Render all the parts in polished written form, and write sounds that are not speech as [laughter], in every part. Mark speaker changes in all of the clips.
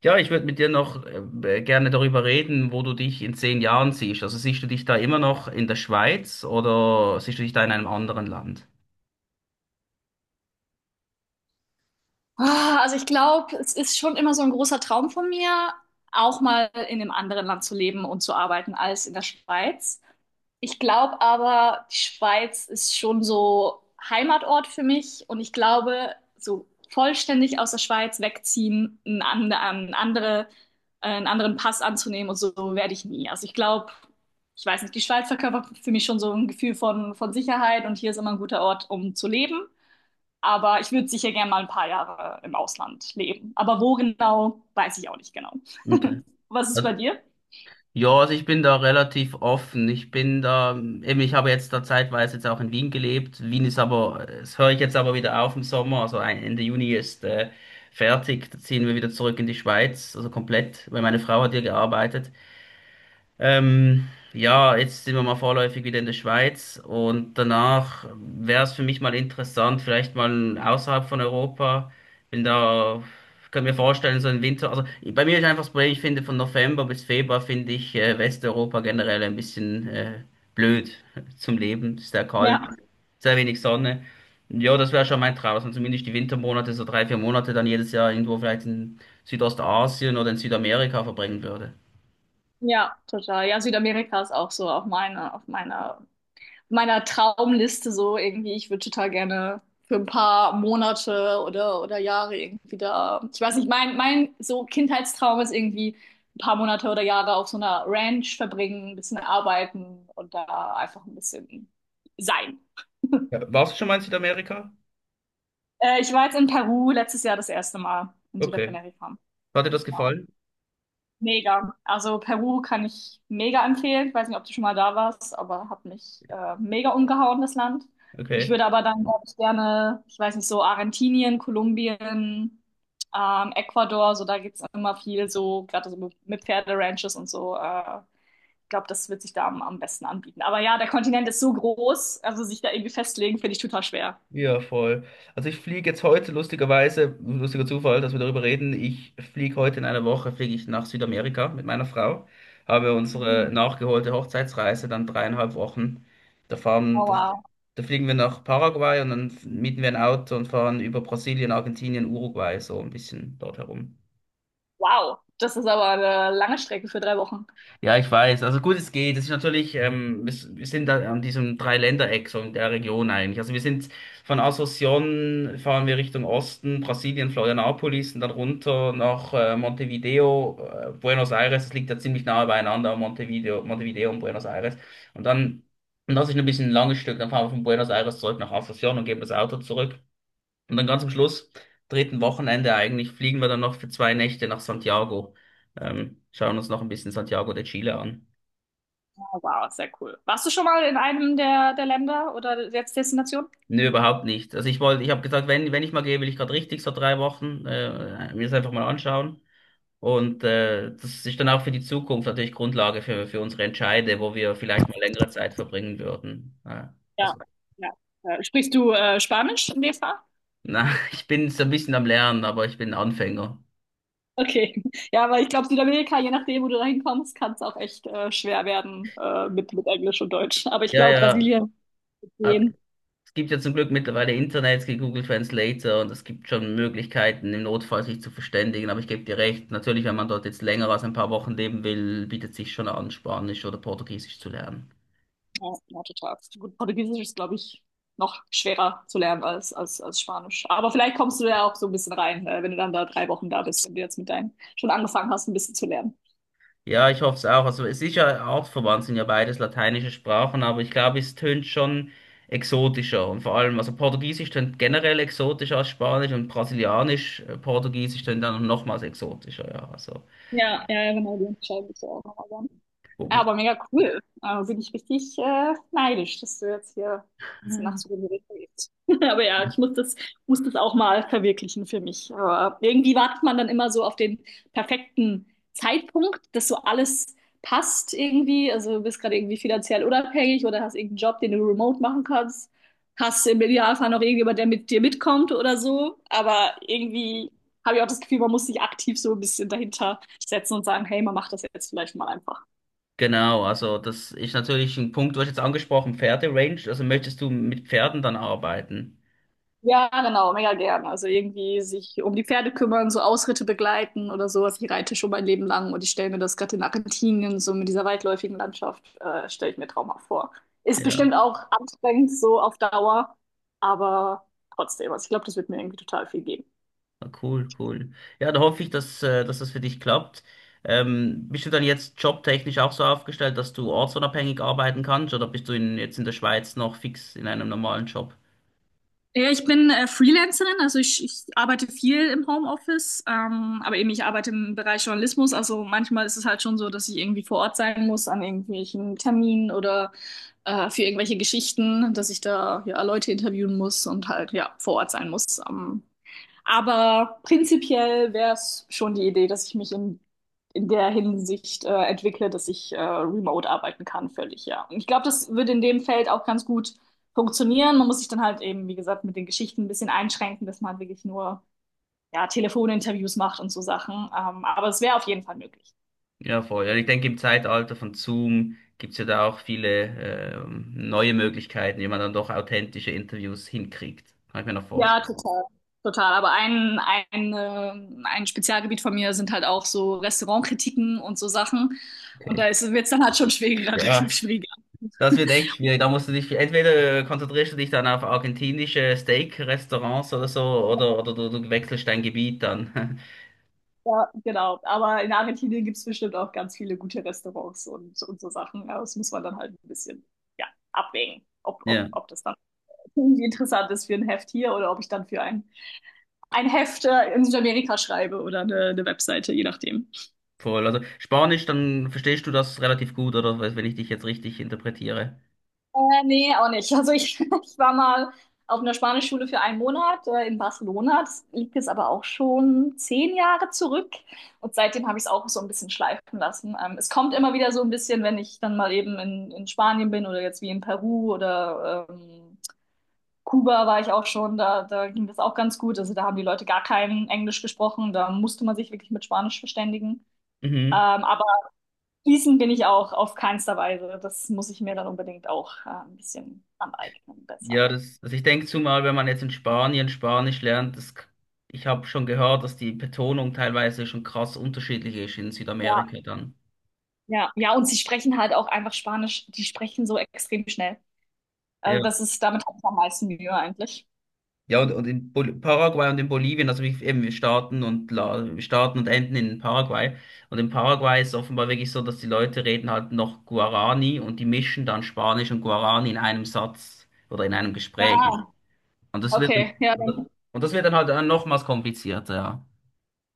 Speaker 1: Ja, ich würde mit dir noch gerne darüber reden, wo du dich in 10 Jahren siehst. Also siehst du dich da immer noch in der Schweiz oder siehst du dich da in einem anderen Land?
Speaker 2: Also ich glaube, es ist schon immer so ein großer Traum von mir, auch mal in einem anderen Land zu leben und zu arbeiten als in der Schweiz. Ich glaube aber, die Schweiz ist schon so Heimatort für mich und ich glaube, so vollständig aus der Schweiz wegziehen, einen anderen Pass anzunehmen und so werde ich nie. Also ich glaube, ich weiß nicht, die Schweiz verkörpert für mich schon so ein Gefühl von Sicherheit und hier ist immer ein guter Ort, um zu leben. Aber ich würde sicher gerne mal ein paar Jahre im Ausland leben. Aber wo genau, weiß ich auch nicht genau.
Speaker 1: Okay.
Speaker 2: [laughs] Was ist bei
Speaker 1: Also,
Speaker 2: dir?
Speaker 1: ja, also ich bin da relativ offen. Ich bin da, eben, ich habe jetzt da zeitweise jetzt auch in Wien gelebt. Wien ist aber, das höre ich jetzt aber wieder auf im Sommer. Also Ende Juni ist fertig. Da ziehen wir wieder zurück in die Schweiz, also komplett, weil meine Frau hat hier gearbeitet. Ja, jetzt sind wir mal vorläufig wieder in der Schweiz und danach wäre es für mich mal interessant, vielleicht mal außerhalb von Europa. Bin da, kann mir vorstellen, so im Winter. Also bei mir ist einfach das Problem, ich finde von November bis Februar finde ich Westeuropa generell ein bisschen blöd [laughs] zum Leben. Sehr kalt,
Speaker 2: Ja,
Speaker 1: sehr wenig Sonne. Ja, das wäre schon mein Traum, dass man zumindest die Wintermonate, so 3, 4 Monate dann jedes Jahr irgendwo vielleicht in Südostasien oder in Südamerika verbringen würde.
Speaker 2: ja, total. Ja, Südamerika ist auch so auf meiner Traumliste so irgendwie. Ich würde total gerne für ein paar Monate oder Jahre irgendwie da. Ich weiß nicht, mein so Kindheitstraum ist irgendwie ein paar Monate oder Jahre auf so einer Ranch verbringen, ein bisschen arbeiten und da einfach ein bisschen sein.
Speaker 1: Ja, warst du schon mal in Südamerika?
Speaker 2: Ich war jetzt in Peru letztes Jahr das erste Mal in
Speaker 1: Okay.
Speaker 2: Südamerika.
Speaker 1: Hat dir das
Speaker 2: Ja.
Speaker 1: gefallen?
Speaker 2: Mega. Also Peru kann ich mega empfehlen. Ich weiß nicht, ob du schon mal da warst, aber hat mich mega umgehauen, das Land. Ich
Speaker 1: Okay.
Speaker 2: würde aber dann, glaube ich, gerne, ich weiß nicht, so Argentinien, Kolumbien, Ecuador, so da gibt's immer viel so, gerade so mit Pferderanches und so. Ich glaube, das wird sich da am besten anbieten. Aber ja, der Kontinent ist so groß, also sich da irgendwie festlegen, finde ich total schwer.
Speaker 1: Ja, voll. Also ich fliege jetzt heute, lustigerweise, lustiger Zufall, dass wir darüber reden. Ich fliege heute in einer Woche, fliege ich nach Südamerika mit meiner Frau. Habe unsere
Speaker 2: Mhm.
Speaker 1: nachgeholte Hochzeitsreise, dann 3,5 Wochen. Da fahren,
Speaker 2: Oh,
Speaker 1: da,
Speaker 2: wow.
Speaker 1: Da fliegen wir nach Paraguay und dann mieten wir ein Auto und fahren über Brasilien, Argentinien, Uruguay, so ein bisschen dort herum.
Speaker 2: Wow, das ist aber eine lange Strecke für 3 Wochen.
Speaker 1: Ja, ich weiß. Also gut, es geht. Es ist natürlich, wir sind da an diesem Dreiländereck, so in der Region eigentlich. Also wir sind von Asunción fahren wir Richtung Osten, Brasilien, Florianópolis und dann runter nach Montevideo, Buenos Aires. Das liegt ja ziemlich nahe beieinander, Montevideo und Buenos Aires. Und dann, und das ist ein bisschen ein langes Stück, dann fahren wir von Buenos Aires zurück nach Asunción und geben das Auto zurück. Und dann ganz am Schluss, dritten Wochenende eigentlich, fliegen wir dann noch für 2 Nächte nach Santiago. Schauen uns noch ein bisschen Santiago de Chile an.
Speaker 2: Wow, sehr cool. Warst du schon mal in einem der Länder oder jetzt Destinationen?
Speaker 1: Nö, überhaupt nicht. Also ich wollte, ich habe gesagt, wenn ich mal gehe, will ich gerade richtig so 3 Wochen mir das einfach mal anschauen. Und das ist dann auch für die Zukunft natürlich Grundlage für unsere Entscheide, wo wir vielleicht mal längere Zeit verbringen würden.
Speaker 2: Ja,
Speaker 1: Also,
Speaker 2: ja. Sprichst du Spanisch in dem Fall?
Speaker 1: na, [laughs] ich bin so ein bisschen am Lernen, aber ich bin Anfänger.
Speaker 2: Okay. Ja, aber ich glaube, Südamerika, je nachdem, wo du da hinkommst, kann es auch echt schwer werden mit Englisch und Deutsch. Aber ich
Speaker 1: Ja,
Speaker 2: glaube,
Speaker 1: ja.
Speaker 2: Brasilien wird
Speaker 1: Also,
Speaker 2: gehen.
Speaker 1: es gibt ja zum Glück mittlerweile Internet, es gibt Google Translator und es gibt schon Möglichkeiten, im Notfall sich zu verständigen. Aber ich gebe dir recht, natürlich, wenn man dort jetzt länger als ein paar Wochen leben will, bietet sich schon an, Spanisch oder Portugiesisch zu lernen.
Speaker 2: Ja, ja, total. Gut, Portugiesisch ist, glaube ich, noch schwerer zu lernen als Spanisch. Aber vielleicht kommst du ja auch so ein bisschen rein, wenn du dann da 3 Wochen da bist und du jetzt mit deinen schon angefangen hast, ein bisschen zu lernen.
Speaker 1: Ja, ich hoffe es auch. Also es ist ja artverwandt, sind ja beides lateinische Sprachen, aber ich glaube, es tönt schon exotischer. Und vor allem, also Portugiesisch tönt generell exotischer als Spanisch und Brasilianisch, Portugiesisch tönt dann nochmals exotischer, ja. Also,
Speaker 2: Ja, ja, ja, genau, die unterscheiden sich ja auch nochmal ganz.
Speaker 1: wo-
Speaker 2: Ja,
Speaker 1: wo-
Speaker 2: aber mega cool. Bin ich richtig neidisch, dass du jetzt hier so nach so einer Richtung gehst. [laughs] Aber ja, ich muss das auch mal verwirklichen für mich. Aber irgendwie wartet man dann immer so auf den perfekten Zeitpunkt, dass so alles passt irgendwie. Also du bist gerade irgendwie finanziell unabhängig oder hast irgendeinen Job, den du remote machen kannst. Hast im Idealfall noch irgendjemand, der mit dir mitkommt oder so. Aber irgendwie habe ich auch das Gefühl, man muss sich aktiv so ein bisschen dahinter setzen und sagen, hey, man macht das jetzt vielleicht mal einfach.
Speaker 1: genau, also das ist natürlich ein Punkt, du hast jetzt angesprochen, Pferderange. Also möchtest du mit Pferden dann arbeiten?
Speaker 2: Ja, genau, mega gern. Also irgendwie sich um die Pferde kümmern, so Ausritte begleiten oder sowas. Ich reite schon mein Leben lang und ich stelle mir das gerade in Argentinien, so mit dieser weitläufigen Landschaft, stelle ich mir traumhaft vor. Ist
Speaker 1: Ja,
Speaker 2: bestimmt auch anstrengend so auf Dauer, aber trotzdem. Also ich glaube, das wird mir irgendwie total viel geben.
Speaker 1: ah, cool, cool. Ja, da hoffe ich, dass das für dich klappt. Bist du dann jetzt jobtechnisch auch so aufgestellt, dass du ortsunabhängig arbeiten kannst oder bist du in, jetzt in der Schweiz noch fix in einem normalen Job?
Speaker 2: Ja, ich bin Freelancerin, also ich arbeite viel im Homeoffice, aber eben ich arbeite im Bereich Journalismus. Also manchmal ist es halt schon so, dass ich irgendwie vor Ort sein muss an irgendwelchen Terminen oder für irgendwelche Geschichten, dass ich da ja Leute interviewen muss und halt ja vor Ort sein muss. Aber prinzipiell wäre es schon die Idee, dass ich mich in der Hinsicht entwickle, dass ich remote arbeiten kann, völlig, ja. Und ich glaube, das würde in dem Feld auch ganz gut funktionieren. Man muss sich dann halt eben, wie gesagt, mit den Geschichten ein bisschen einschränken, dass man wirklich nur ja, Telefoninterviews macht und so Sachen. Aber es wäre auf jeden Fall möglich.
Speaker 1: Ja, voll. Ja, ich denke, im Zeitalter von Zoom gibt es ja da auch viele neue Möglichkeiten, wie man dann doch authentische Interviews hinkriegt. Kann ich mir noch
Speaker 2: Ja,
Speaker 1: vorstellen.
Speaker 2: total. Total. Aber ein Spezialgebiet von mir sind halt auch so Restaurantkritiken und so Sachen. Und da
Speaker 1: Okay.
Speaker 2: wird es dann halt schon schwieriger, [laughs]
Speaker 1: Ja,
Speaker 2: schwieriger.
Speaker 1: das wird echt schwierig. Da musst du dich, entweder konzentrierst du dich dann auf argentinische Steak-Restaurants oder so, oder du wechselst dein Gebiet dann. [laughs]
Speaker 2: Ja, genau. Aber in Argentinien gibt es bestimmt auch ganz viele gute Restaurants und so Sachen. Aber das muss man dann halt ein bisschen, ja, abwägen, ob, ob,
Speaker 1: Ja,
Speaker 2: ob das dann irgendwie interessant ist für ein Heft hier oder ob ich dann für ein Heft in Südamerika schreibe oder eine Webseite, je nachdem.
Speaker 1: voll. Also Spanisch, dann verstehst du das relativ gut, oder wenn ich dich jetzt richtig interpretiere.
Speaker 2: Nee, auch nicht. Also ich, [laughs] ich war mal auf einer Spanischschule für einen Monat in Barcelona. Das liegt jetzt aber auch schon 10 Jahre zurück. Und seitdem habe ich es auch so ein bisschen schleifen lassen. Es kommt immer wieder so ein bisschen, wenn ich dann mal eben in Spanien bin oder jetzt wie in Peru oder Kuba war ich auch schon. Da ging das auch ganz gut. Also da haben die Leute gar kein Englisch gesprochen. Da musste man sich wirklich mit Spanisch verständigen.
Speaker 1: Mhm.
Speaker 2: Ähm, Fließen bin ich auch auf keinster Weise. Das muss ich mir dann unbedingt auch ein bisschen aneignen, besser.
Speaker 1: Ja, also ich denke zumal, wenn man jetzt in Spanien Spanisch lernt, ich habe schon gehört, dass die Betonung teilweise schon krass unterschiedlich ist in
Speaker 2: Ja.
Speaker 1: Südamerika dann.
Speaker 2: Ja, ja, und sie sprechen halt auch einfach Spanisch. Die sprechen so extrem schnell. Also
Speaker 1: Ja.
Speaker 2: das ist, damit habe ich am meisten Mühe eigentlich.
Speaker 1: Ja, und in Bol Paraguay und in Bolivien, also wir, eben, wir starten und enden in Paraguay. Und in Paraguay ist es offenbar wirklich so, dass die Leute reden halt noch Guarani und die mischen dann Spanisch und Guarani in einem Satz oder in einem
Speaker 2: Ja,
Speaker 1: Gespräch. Und das wird
Speaker 2: okay,
Speaker 1: dann,
Speaker 2: ja, dann,
Speaker 1: und das wird dann halt dann nochmals komplizierter, ja.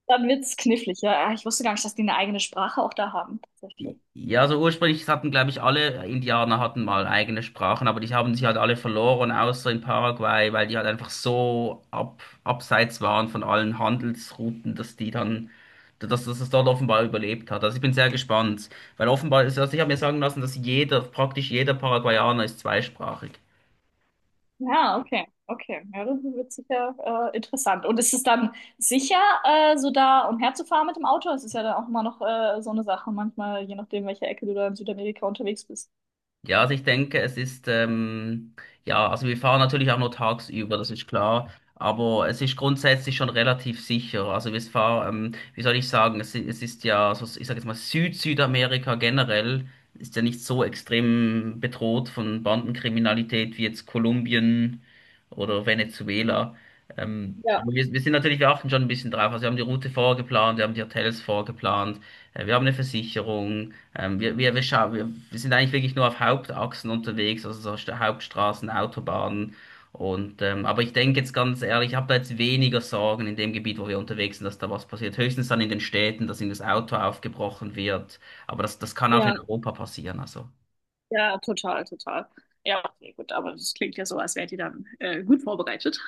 Speaker 2: dann wird's knifflig. Ja, ich wusste gar nicht, dass die eine eigene Sprache auch da haben, tatsächlich.
Speaker 1: Ja, also ursprünglich hatten, glaube ich, alle Indianer hatten mal eigene Sprachen, aber die haben sich halt alle verloren, außer in Paraguay, weil die halt einfach so abseits waren von allen Handelsrouten, dass die dann, dass es dort offenbar überlebt hat. Also ich bin sehr gespannt, weil offenbar ist, also ich habe mir sagen lassen, dass jeder, praktisch jeder Paraguayaner ist zweisprachig.
Speaker 2: Ja, okay, okay. Ja, das wird sicher interessant. Und ist es dann sicher, so da umherzufahren mit dem Auto? Es ist ja dann auch immer noch so eine Sache, manchmal, je nachdem, welche Ecke du da in Südamerika unterwegs bist.
Speaker 1: Ja, also ich denke, es ist, ja, also wir fahren natürlich auch nur tagsüber, das ist klar, aber es ist grundsätzlich schon relativ sicher. Also wir fahren, wie soll ich sagen, es ist ja, so, ich sage jetzt mal, Süd-Südamerika generell ist ja nicht so extrem bedroht von Bandenkriminalität wie jetzt Kolumbien oder Venezuela.
Speaker 2: Ja,
Speaker 1: Aber wir sind natürlich, wir achten schon ein bisschen drauf. Also wir haben die Route vorgeplant, wir haben die Hotels vorgeplant, wir haben eine Versicherung. Wir sind eigentlich wirklich nur auf Hauptachsen unterwegs, also so Hauptstraßen, Autobahnen. Und, aber ich denke jetzt ganz ehrlich, ich habe da jetzt weniger Sorgen in dem Gebiet, wo wir unterwegs sind, dass da was passiert. Höchstens dann in den Städten, dass ihnen das Auto aufgebrochen wird. Aber das kann auch in
Speaker 2: ja,
Speaker 1: Europa passieren. Also.
Speaker 2: ja, total, total. Ja, okay, gut, aber das klingt ja so, als wärt ihr dann gut vorbereitet.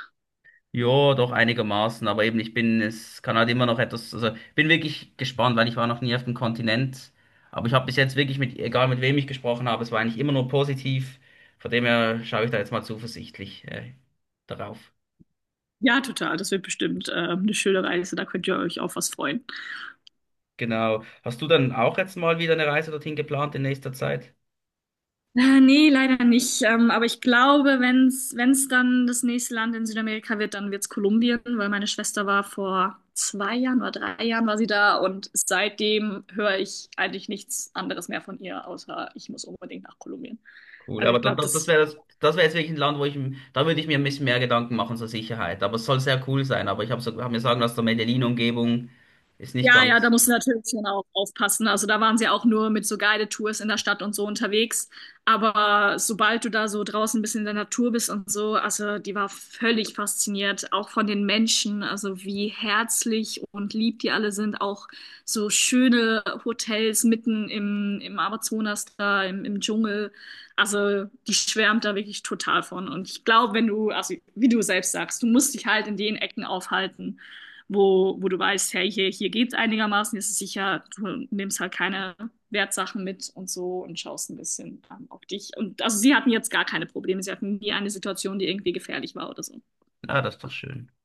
Speaker 1: Ja, doch einigermaßen, aber eben ich bin, es kann halt immer noch etwas, also bin wirklich gespannt, weil ich war noch nie auf dem Kontinent, aber ich habe bis jetzt wirklich mit, egal mit wem ich gesprochen habe, es war eigentlich immer nur positiv, von dem her schaue ich da jetzt mal zuversichtlich darauf.
Speaker 2: Ja, total. Das wird bestimmt eine schöne Reise. Da könnt ihr euch auf was freuen.
Speaker 1: Genau. Hast du dann auch jetzt mal wieder eine Reise dorthin geplant in nächster Zeit?
Speaker 2: Nee, leider nicht. Aber ich glaube, wenn's dann das nächste Land in Südamerika wird, dann wird's Kolumbien, weil meine Schwester war vor 2 Jahren oder 3 Jahren war sie da und seitdem höre ich eigentlich nichts anderes mehr von ihr, außer ich muss unbedingt nach Kolumbien.
Speaker 1: Cool,
Speaker 2: Also
Speaker 1: aber
Speaker 2: ich glaube,
Speaker 1: das
Speaker 2: das.
Speaker 1: wäre das wäre jetzt wirklich ein Land, da würde ich mir ein bisschen mehr Gedanken machen zur Sicherheit, aber es soll sehr cool sein, aber ich habe so, hab mir sagen lassen, der Medellin-Umgebung ist nicht
Speaker 2: Ja, ja, da
Speaker 1: ganz,
Speaker 2: musst du natürlich schon auch aufpassen. Also da waren sie auch nur mit so Guided-Tours in der Stadt und so unterwegs. Aber sobald du da so draußen ein bisschen in der Natur bist und so, also die war völlig fasziniert, auch von den Menschen, also wie herzlich und lieb die alle sind. Auch so schöne Hotels mitten im Amazonas da, im Dschungel. Also die schwärmt da wirklich total von. Und ich glaube, wenn du, also wie du selbst sagst, du musst dich halt in den Ecken aufhalten wo du weißt, hey, hier geht's einigermaßen, ist es sicher, du nimmst halt keine Wertsachen mit und so und schaust ein bisschen auf dich. Und also sie hatten jetzt gar keine Probleme, sie hatten nie eine Situation, die irgendwie gefährlich war oder so.
Speaker 1: ah, das ist doch schön.